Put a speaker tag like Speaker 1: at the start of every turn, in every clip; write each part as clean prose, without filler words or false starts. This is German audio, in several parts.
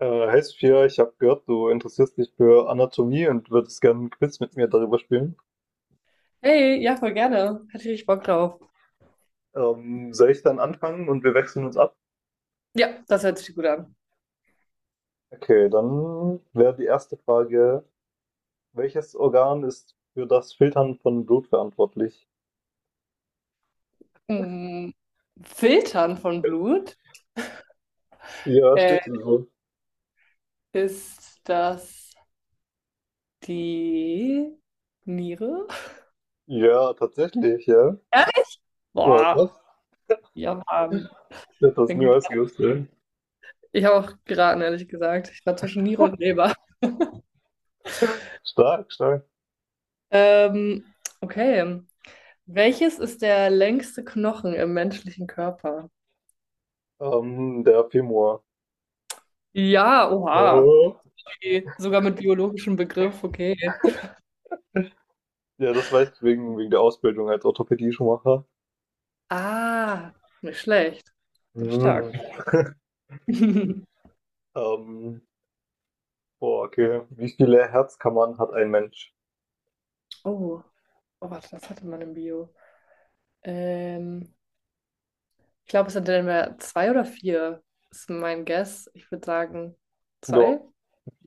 Speaker 1: Hey Sophia, ich habe gehört, du interessierst dich für Anatomie und würdest gerne ein Quiz mit mir darüber spielen.
Speaker 2: Hey, ja, voll gerne. Hatte ich richtig Bock drauf.
Speaker 1: Soll ich dann anfangen und wir wechseln uns ab?
Speaker 2: Ja, das hört sich gut an.
Speaker 1: Okay, dann wäre die erste Frage, welches Organ ist für das Filtern von Blut verantwortlich?
Speaker 2: Mm, Filtern von Blut
Speaker 1: Ja,
Speaker 2: äh,
Speaker 1: steht hier so.
Speaker 2: ist das die Niere?
Speaker 1: Ja, tatsächlich, ja.
Speaker 2: Ehrlich?
Speaker 1: Oh,
Speaker 2: Boah,
Speaker 1: krass.
Speaker 2: ja, Mann.
Speaker 1: Ich hätte das
Speaker 2: Bin gut.
Speaker 1: niemals gewusst. Ja.
Speaker 2: Ich habe auch geraten, ehrlich gesagt. Ich war zwischen Niere und Leber.
Speaker 1: Stark, stark.
Speaker 2: Ähm, okay. Welches ist der längste Knochen im menschlichen Körper?
Speaker 1: Der Femur.
Speaker 2: Ja, oha.
Speaker 1: Ja.
Speaker 2: Okay. Sogar mit biologischem Begriff, okay.
Speaker 1: Ja, das weiß ich wegen der Ausbildung als Orthopädie-Schuhmacher.
Speaker 2: Ah, nicht schlecht. Das ist stark.
Speaker 1: Mhm. Ähm, Boah, okay. Wie viele Herzkammern hat ein Mensch?
Speaker 2: Oh, oh, warte, das hatte man im Bio. Ähm, Ich glaube, es sind dann mehr zwei oder vier, ist mein Guess. Ich würde sagen,
Speaker 1: Ja,
Speaker 2: zwei.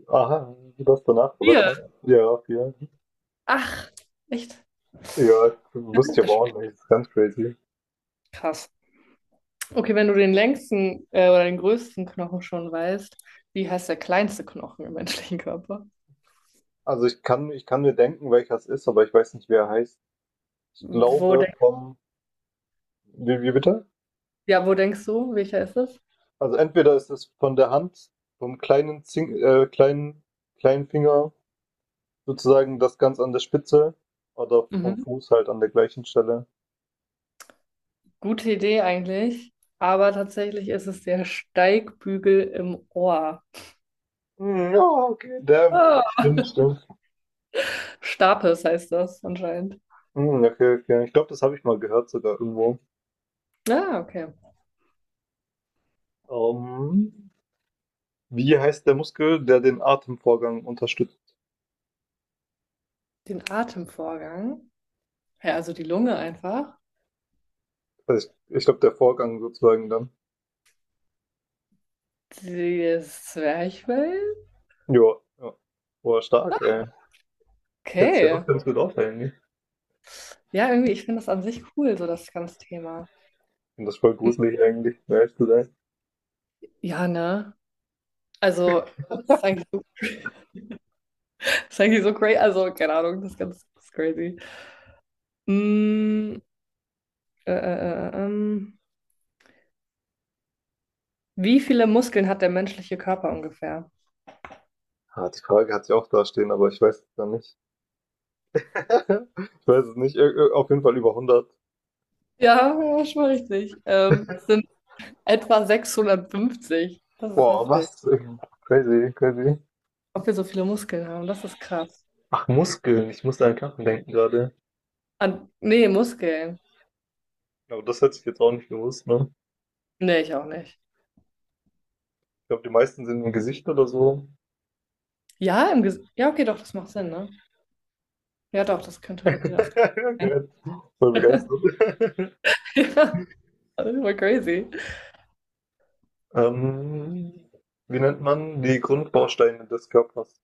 Speaker 1: aha, du hast danach
Speaker 2: Vier,
Speaker 1: verbessert. Ja, vier.
Speaker 2: ach, echt?
Speaker 1: Ja,
Speaker 2: Oh,
Speaker 1: wusste ich
Speaker 2: das
Speaker 1: aber
Speaker 2: ist
Speaker 1: auch
Speaker 2: echt
Speaker 1: nicht. Das ist ganz crazy.
Speaker 2: krass. Okay, wenn du den längsten oder den größten Knochen schon weißt, wie heißt der kleinste Knochen im menschlichen Körper?
Speaker 1: Also ich kann mir denken, welcher es ist, aber ich weiß nicht, wer er heißt. Ich
Speaker 2: Wo
Speaker 1: glaube
Speaker 2: denk
Speaker 1: vom, wie bitte?
Speaker 2: Ja, wo denkst du, welcher ist es?
Speaker 1: Also entweder ist es von der Hand, vom kleinen, Zing, kleinen Finger, sozusagen das ganz an der Spitze, oder vom Fuß halt an der gleichen Stelle.
Speaker 2: Gute Idee eigentlich, aber tatsächlich ist es der Steigbügel im Ohr.
Speaker 1: Hm, ja, okay. Der,
Speaker 2: Ah,
Speaker 1: stimmt, stimmt.
Speaker 2: Stapes heißt das anscheinend.
Speaker 1: Hm, okay, okay. Ich glaube, das habe ich mal gehört sogar irgendwo.
Speaker 2: Ah, okay.
Speaker 1: Ähm, wie heißt der Muskel, der den Atemvorgang unterstützt?
Speaker 2: Den Atemvorgang. Ja, also die Lunge einfach.
Speaker 1: Also ich glaube, der Vorgang sozusagen dann.
Speaker 2: Das Zwerchfell.
Speaker 1: Jo, ja. Boah, stark, ey. Kennst du ja
Speaker 2: Okay.
Speaker 1: auch ganz gut aus eigentlich. Ich
Speaker 2: Ja, irgendwie, ich finde das an sich cool, so das ganze Thema.
Speaker 1: finde das ist voll
Speaker 2: Hm,
Speaker 1: gruselig eigentlich, um ehrlich zu sein.
Speaker 2: ja, ne? Also, das ist eigentlich so, das ist eigentlich so crazy. Also, keine Ahnung, das ist crazy. Mm, äh, äh, äh, ähm. Wie viele Muskeln hat der menschliche Körper ungefähr?
Speaker 1: Ah, die Frage hat sie auch da stehen, aber ich weiß es dann nicht. Ich weiß es nicht. Auf jeden Fall über 100.
Speaker 2: Ja, ja, schon richtig. Es sind etwa 650. Das ist
Speaker 1: Boah,
Speaker 2: heftig.
Speaker 1: was? Crazy, crazy.
Speaker 2: Ob wir so viele Muskeln haben, das ist krass.
Speaker 1: Ach, Muskeln. Ich musste an Knochen denken gerade.
Speaker 2: Nee, Muskeln.
Speaker 1: Aber das hätte ich jetzt auch nicht gewusst, ne?
Speaker 2: Nee, ich auch nicht.
Speaker 1: Ich glaube, die meisten sind im Gesicht oder so.
Speaker 2: Ja, im Ges ja, okay, doch, das macht Sinn, ne? Ja, doch, das könnte. Ja, das könnte
Speaker 1: Ja,
Speaker 2: sein.
Speaker 1: gehört. Voll begeistert.
Speaker 2: Ja, das ist voll crazy.
Speaker 1: Ähm, wie nennt man die Grundbausteine des Körpers?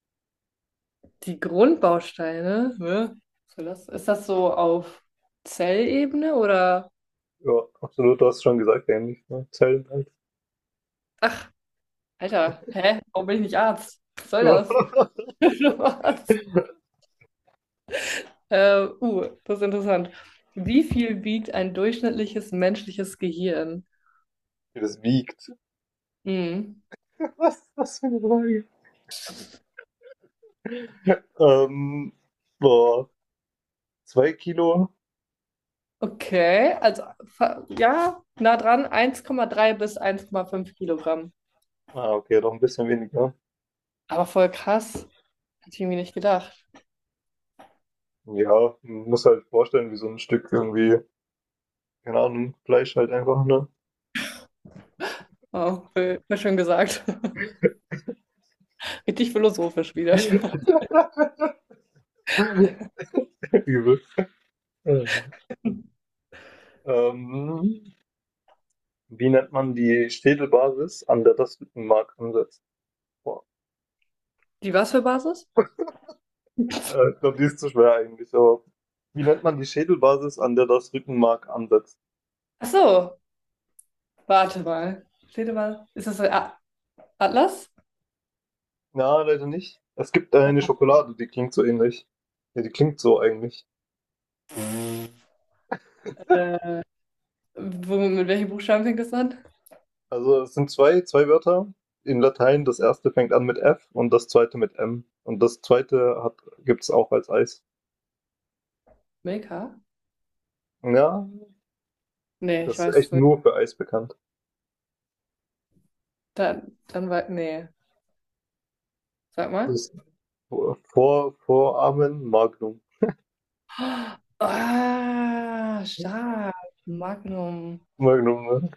Speaker 2: Die Grundbausteine, ne? Was soll das? Ist das so auf Zellebene oder?
Speaker 1: Ja, absolut, du hast schon gesagt, ähnlich. Ne? Zellen halt.
Speaker 2: Alter, hä? Warum bin ich nicht Arzt? Was soll das?
Speaker 1: Ja.
Speaker 2: Das ist interessant. Wie viel wiegt ein durchschnittliches menschliches Gehirn?
Speaker 1: Wie das wiegt.
Speaker 2: Hm.
Speaker 1: Was für eine Frage. Ähm, boah, 2 Kilo.
Speaker 2: Okay, also ja, nah dran, 1,3 bis 1,5 Kilogramm.
Speaker 1: Ah, okay, doch ein bisschen weniger.
Speaker 2: Aber voll krass, hätte ich irgendwie nicht gedacht.
Speaker 1: Ja, man muss halt vorstellen, wie so ein Stück irgendwie, keine Ahnung, Fleisch halt einfach, ne?
Speaker 2: Oh, voll, voll schön gesagt. Richtig philosophisch wieder.
Speaker 1: Übel. Ähm, Wie nennt man die Schädelbasis, an der das Rückenmark ansetzt? Boah,
Speaker 2: Die was für Basis?
Speaker 1: ich glaube, die ist zu schwer eigentlich, aber wie nennt man die Schädelbasis, an der das Rückenmark ansetzt?
Speaker 2: Ach so, warte mal. Steht mal, ist das ein A Atlas?
Speaker 1: Na, leider nicht. Es gibt eine Schokolade, die klingt so ähnlich. Ja, die klingt so eigentlich.
Speaker 2: Äh, mit welchen Buchstaben fängt das an?
Speaker 1: Also es sind zwei Wörter in Latein. Das erste fängt an mit F und das zweite mit M. Und das zweite gibt's auch als Eis.
Speaker 2: Milka?
Speaker 1: Ja,
Speaker 2: Nee, ich
Speaker 1: das ist
Speaker 2: weiß.
Speaker 1: echt nur für Eis bekannt.
Speaker 2: Nee, sag mal.
Speaker 1: Das ist Voramen Magnum.
Speaker 2: Ah, stark. Magnum.
Speaker 1: Magnum, ne?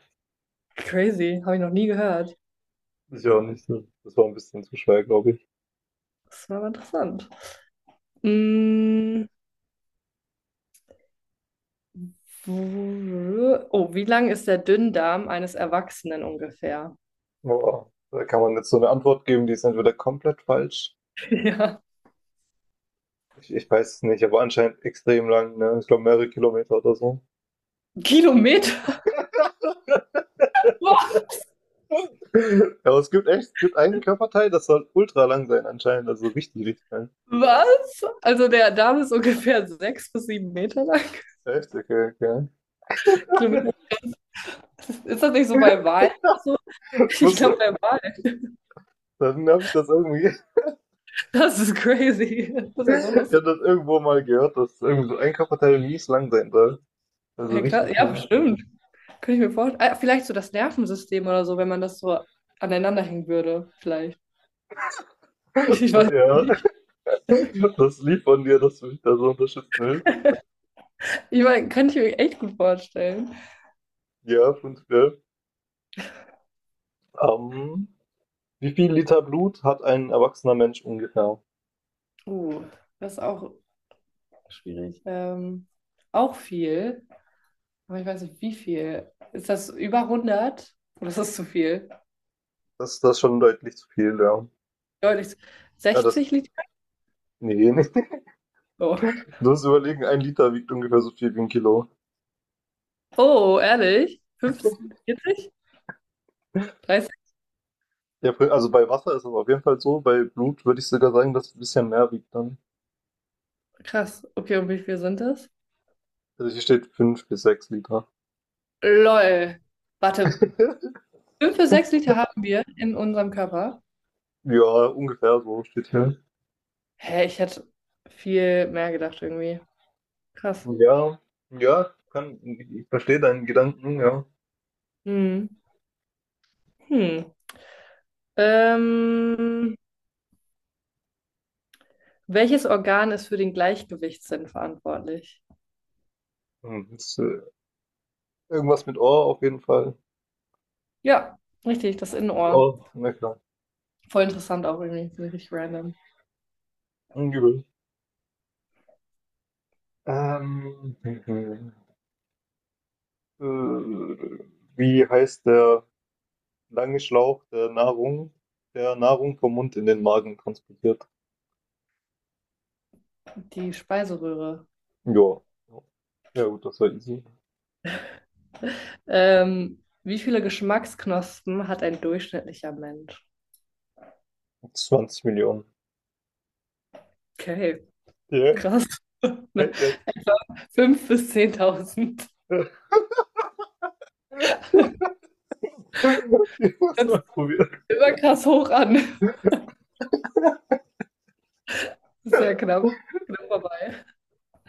Speaker 2: Crazy, habe ich noch nie gehört.
Speaker 1: Ist ja auch nicht so. Das war ein bisschen zu schwer, glaube ich.
Speaker 2: Das war aber interessant. Mm, Oh, wie lang ist der Dünndarm eines Erwachsenen ungefähr?
Speaker 1: Boah, da kann man jetzt so eine Antwort geben, die ist entweder komplett falsch.
Speaker 2: Ja.
Speaker 1: Ich weiß es nicht, aber anscheinend extrem lang, ne? Ich glaube mehrere Kilometer oder so.
Speaker 2: Kilometer?
Speaker 1: Aber es gibt echt, es gibt einen Körperteil, das soll ultra lang sein anscheinend, also richtig, richtig lang.
Speaker 2: Was? Also der Darm ist ungefähr 6 bis 7 Meter lang.
Speaker 1: Echt? Okay, okay.
Speaker 2: Kilometer. Ist das nicht so bei Wahlen? So? Ich
Speaker 1: Muss,
Speaker 2: glaube bei Wahlen.
Speaker 1: dann habe ich das irgendwie,
Speaker 2: Das ist crazy. Das ist ja
Speaker 1: ich
Speaker 2: so
Speaker 1: habe
Speaker 2: lustig.
Speaker 1: das irgendwo mal gehört, dass irgendwie so ein Körperteil mies lang sein soll. Also
Speaker 2: Hey, klar,
Speaker 1: richtig
Speaker 2: ja,
Speaker 1: lang.
Speaker 2: bestimmt. Könnte ich mir vorstellen. Ah, vielleicht so das Nervensystem oder so, wenn man das so aneinander hängen würde, vielleicht. Ich weiß
Speaker 1: Ja,
Speaker 2: nicht.
Speaker 1: das Lied von dir, das mich da so unterstützen will.
Speaker 2: Ich meine, könnte ich mir echt gut vorstellen.
Speaker 1: Ja, prinzipiell. Ähm, Wie viel Liter Blut hat ein erwachsener Mensch ungefähr?
Speaker 2: Uh, Das ist auch schwierig. Auch viel, aber ich weiß nicht, wie viel. Ist das über 100? Oder ist das zu viel?
Speaker 1: Das ist schon deutlich zu viel, ja.
Speaker 2: Deutlich.
Speaker 1: Ah, das,
Speaker 2: 60 Liter?
Speaker 1: nee, nicht.
Speaker 2: Oh,
Speaker 1: Du musst überlegen, ein Liter wiegt ungefähr so viel wie ein Kilo.
Speaker 2: oh ehrlich? 15, 40? 30?
Speaker 1: Ja, also bei Wasser ist es auf jeden Fall so, bei Blut würde ich sogar sagen, dass es ein bisschen mehr wiegt dann.
Speaker 2: Krass. Okay, und wie viel sind das?
Speaker 1: Also hier steht 5 bis 6 Liter.
Speaker 2: Lol. Warte, 5 bis 6 Liter haben wir in unserem Körper.
Speaker 1: Ja, ungefähr so steht hier.
Speaker 2: Hä, ich hätte viel mehr gedacht irgendwie. Krass.
Speaker 1: Ja, ja, kann, ich verstehe deinen Gedanken, ja.
Speaker 2: Hm. Hm. Ähm, Welches Organ ist für den Gleichgewichtssinn verantwortlich?
Speaker 1: Hm, ist, irgendwas mit Ohr auf jeden Fall.
Speaker 2: Ja, richtig, das Innenohr.
Speaker 1: Ohr, na klar.
Speaker 2: Voll interessant auch irgendwie, so richtig random.
Speaker 1: Hm, Übel. Ähm, hm, hm. Äh, wie heißt der lange Schlauch der Nahrung vom Mund in den Magen transportiert?
Speaker 2: Die Speiseröhre.
Speaker 1: Ja. Ja gut, das war easy.
Speaker 2: Wie viele Geschmacksknospen hat ein durchschnittlicher Mensch?
Speaker 1: 20 Millionen.
Speaker 2: Okay,
Speaker 1: Ja,
Speaker 2: krass.
Speaker 1: halt jetzt.
Speaker 2: 5.000 bis 10.000.
Speaker 1: Ich muss
Speaker 2: Das ist
Speaker 1: mal probieren.
Speaker 2: immer krass hoch an. Sehr knapp, knapp vorbei.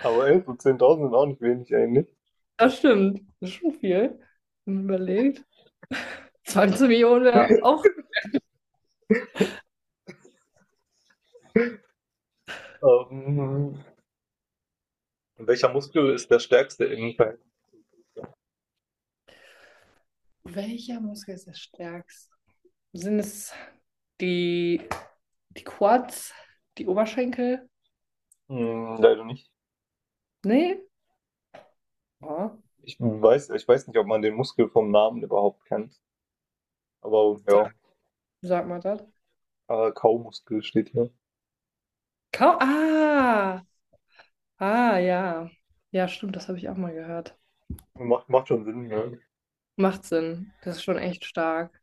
Speaker 1: Aber 11 und 10.000 sind auch nicht wenig eigentlich.
Speaker 2: Das stimmt. Das ist schon viel. Wenn man überlegt. 20 Millionen wäre auch.
Speaker 1: Ähm, welcher Muskel ist der stärkste im Verhältnis?
Speaker 2: Welcher Muskel ist der stärkste? Sind es die, die Quads, die Oberschenkel?
Speaker 1: Hm, leider nicht.
Speaker 2: Nee? Ja.
Speaker 1: Ich weiß nicht, ob man den Muskel vom Namen überhaupt kennt. Aber
Speaker 2: Sag,
Speaker 1: ja,
Speaker 2: sag mal das.
Speaker 1: Kaumuskel steht hier.
Speaker 2: Kau Ah! Ah, ja. Ja, stimmt, das habe ich auch mal gehört.
Speaker 1: Macht schon Sinn, ja.
Speaker 2: Macht Sinn. Das ist schon echt stark.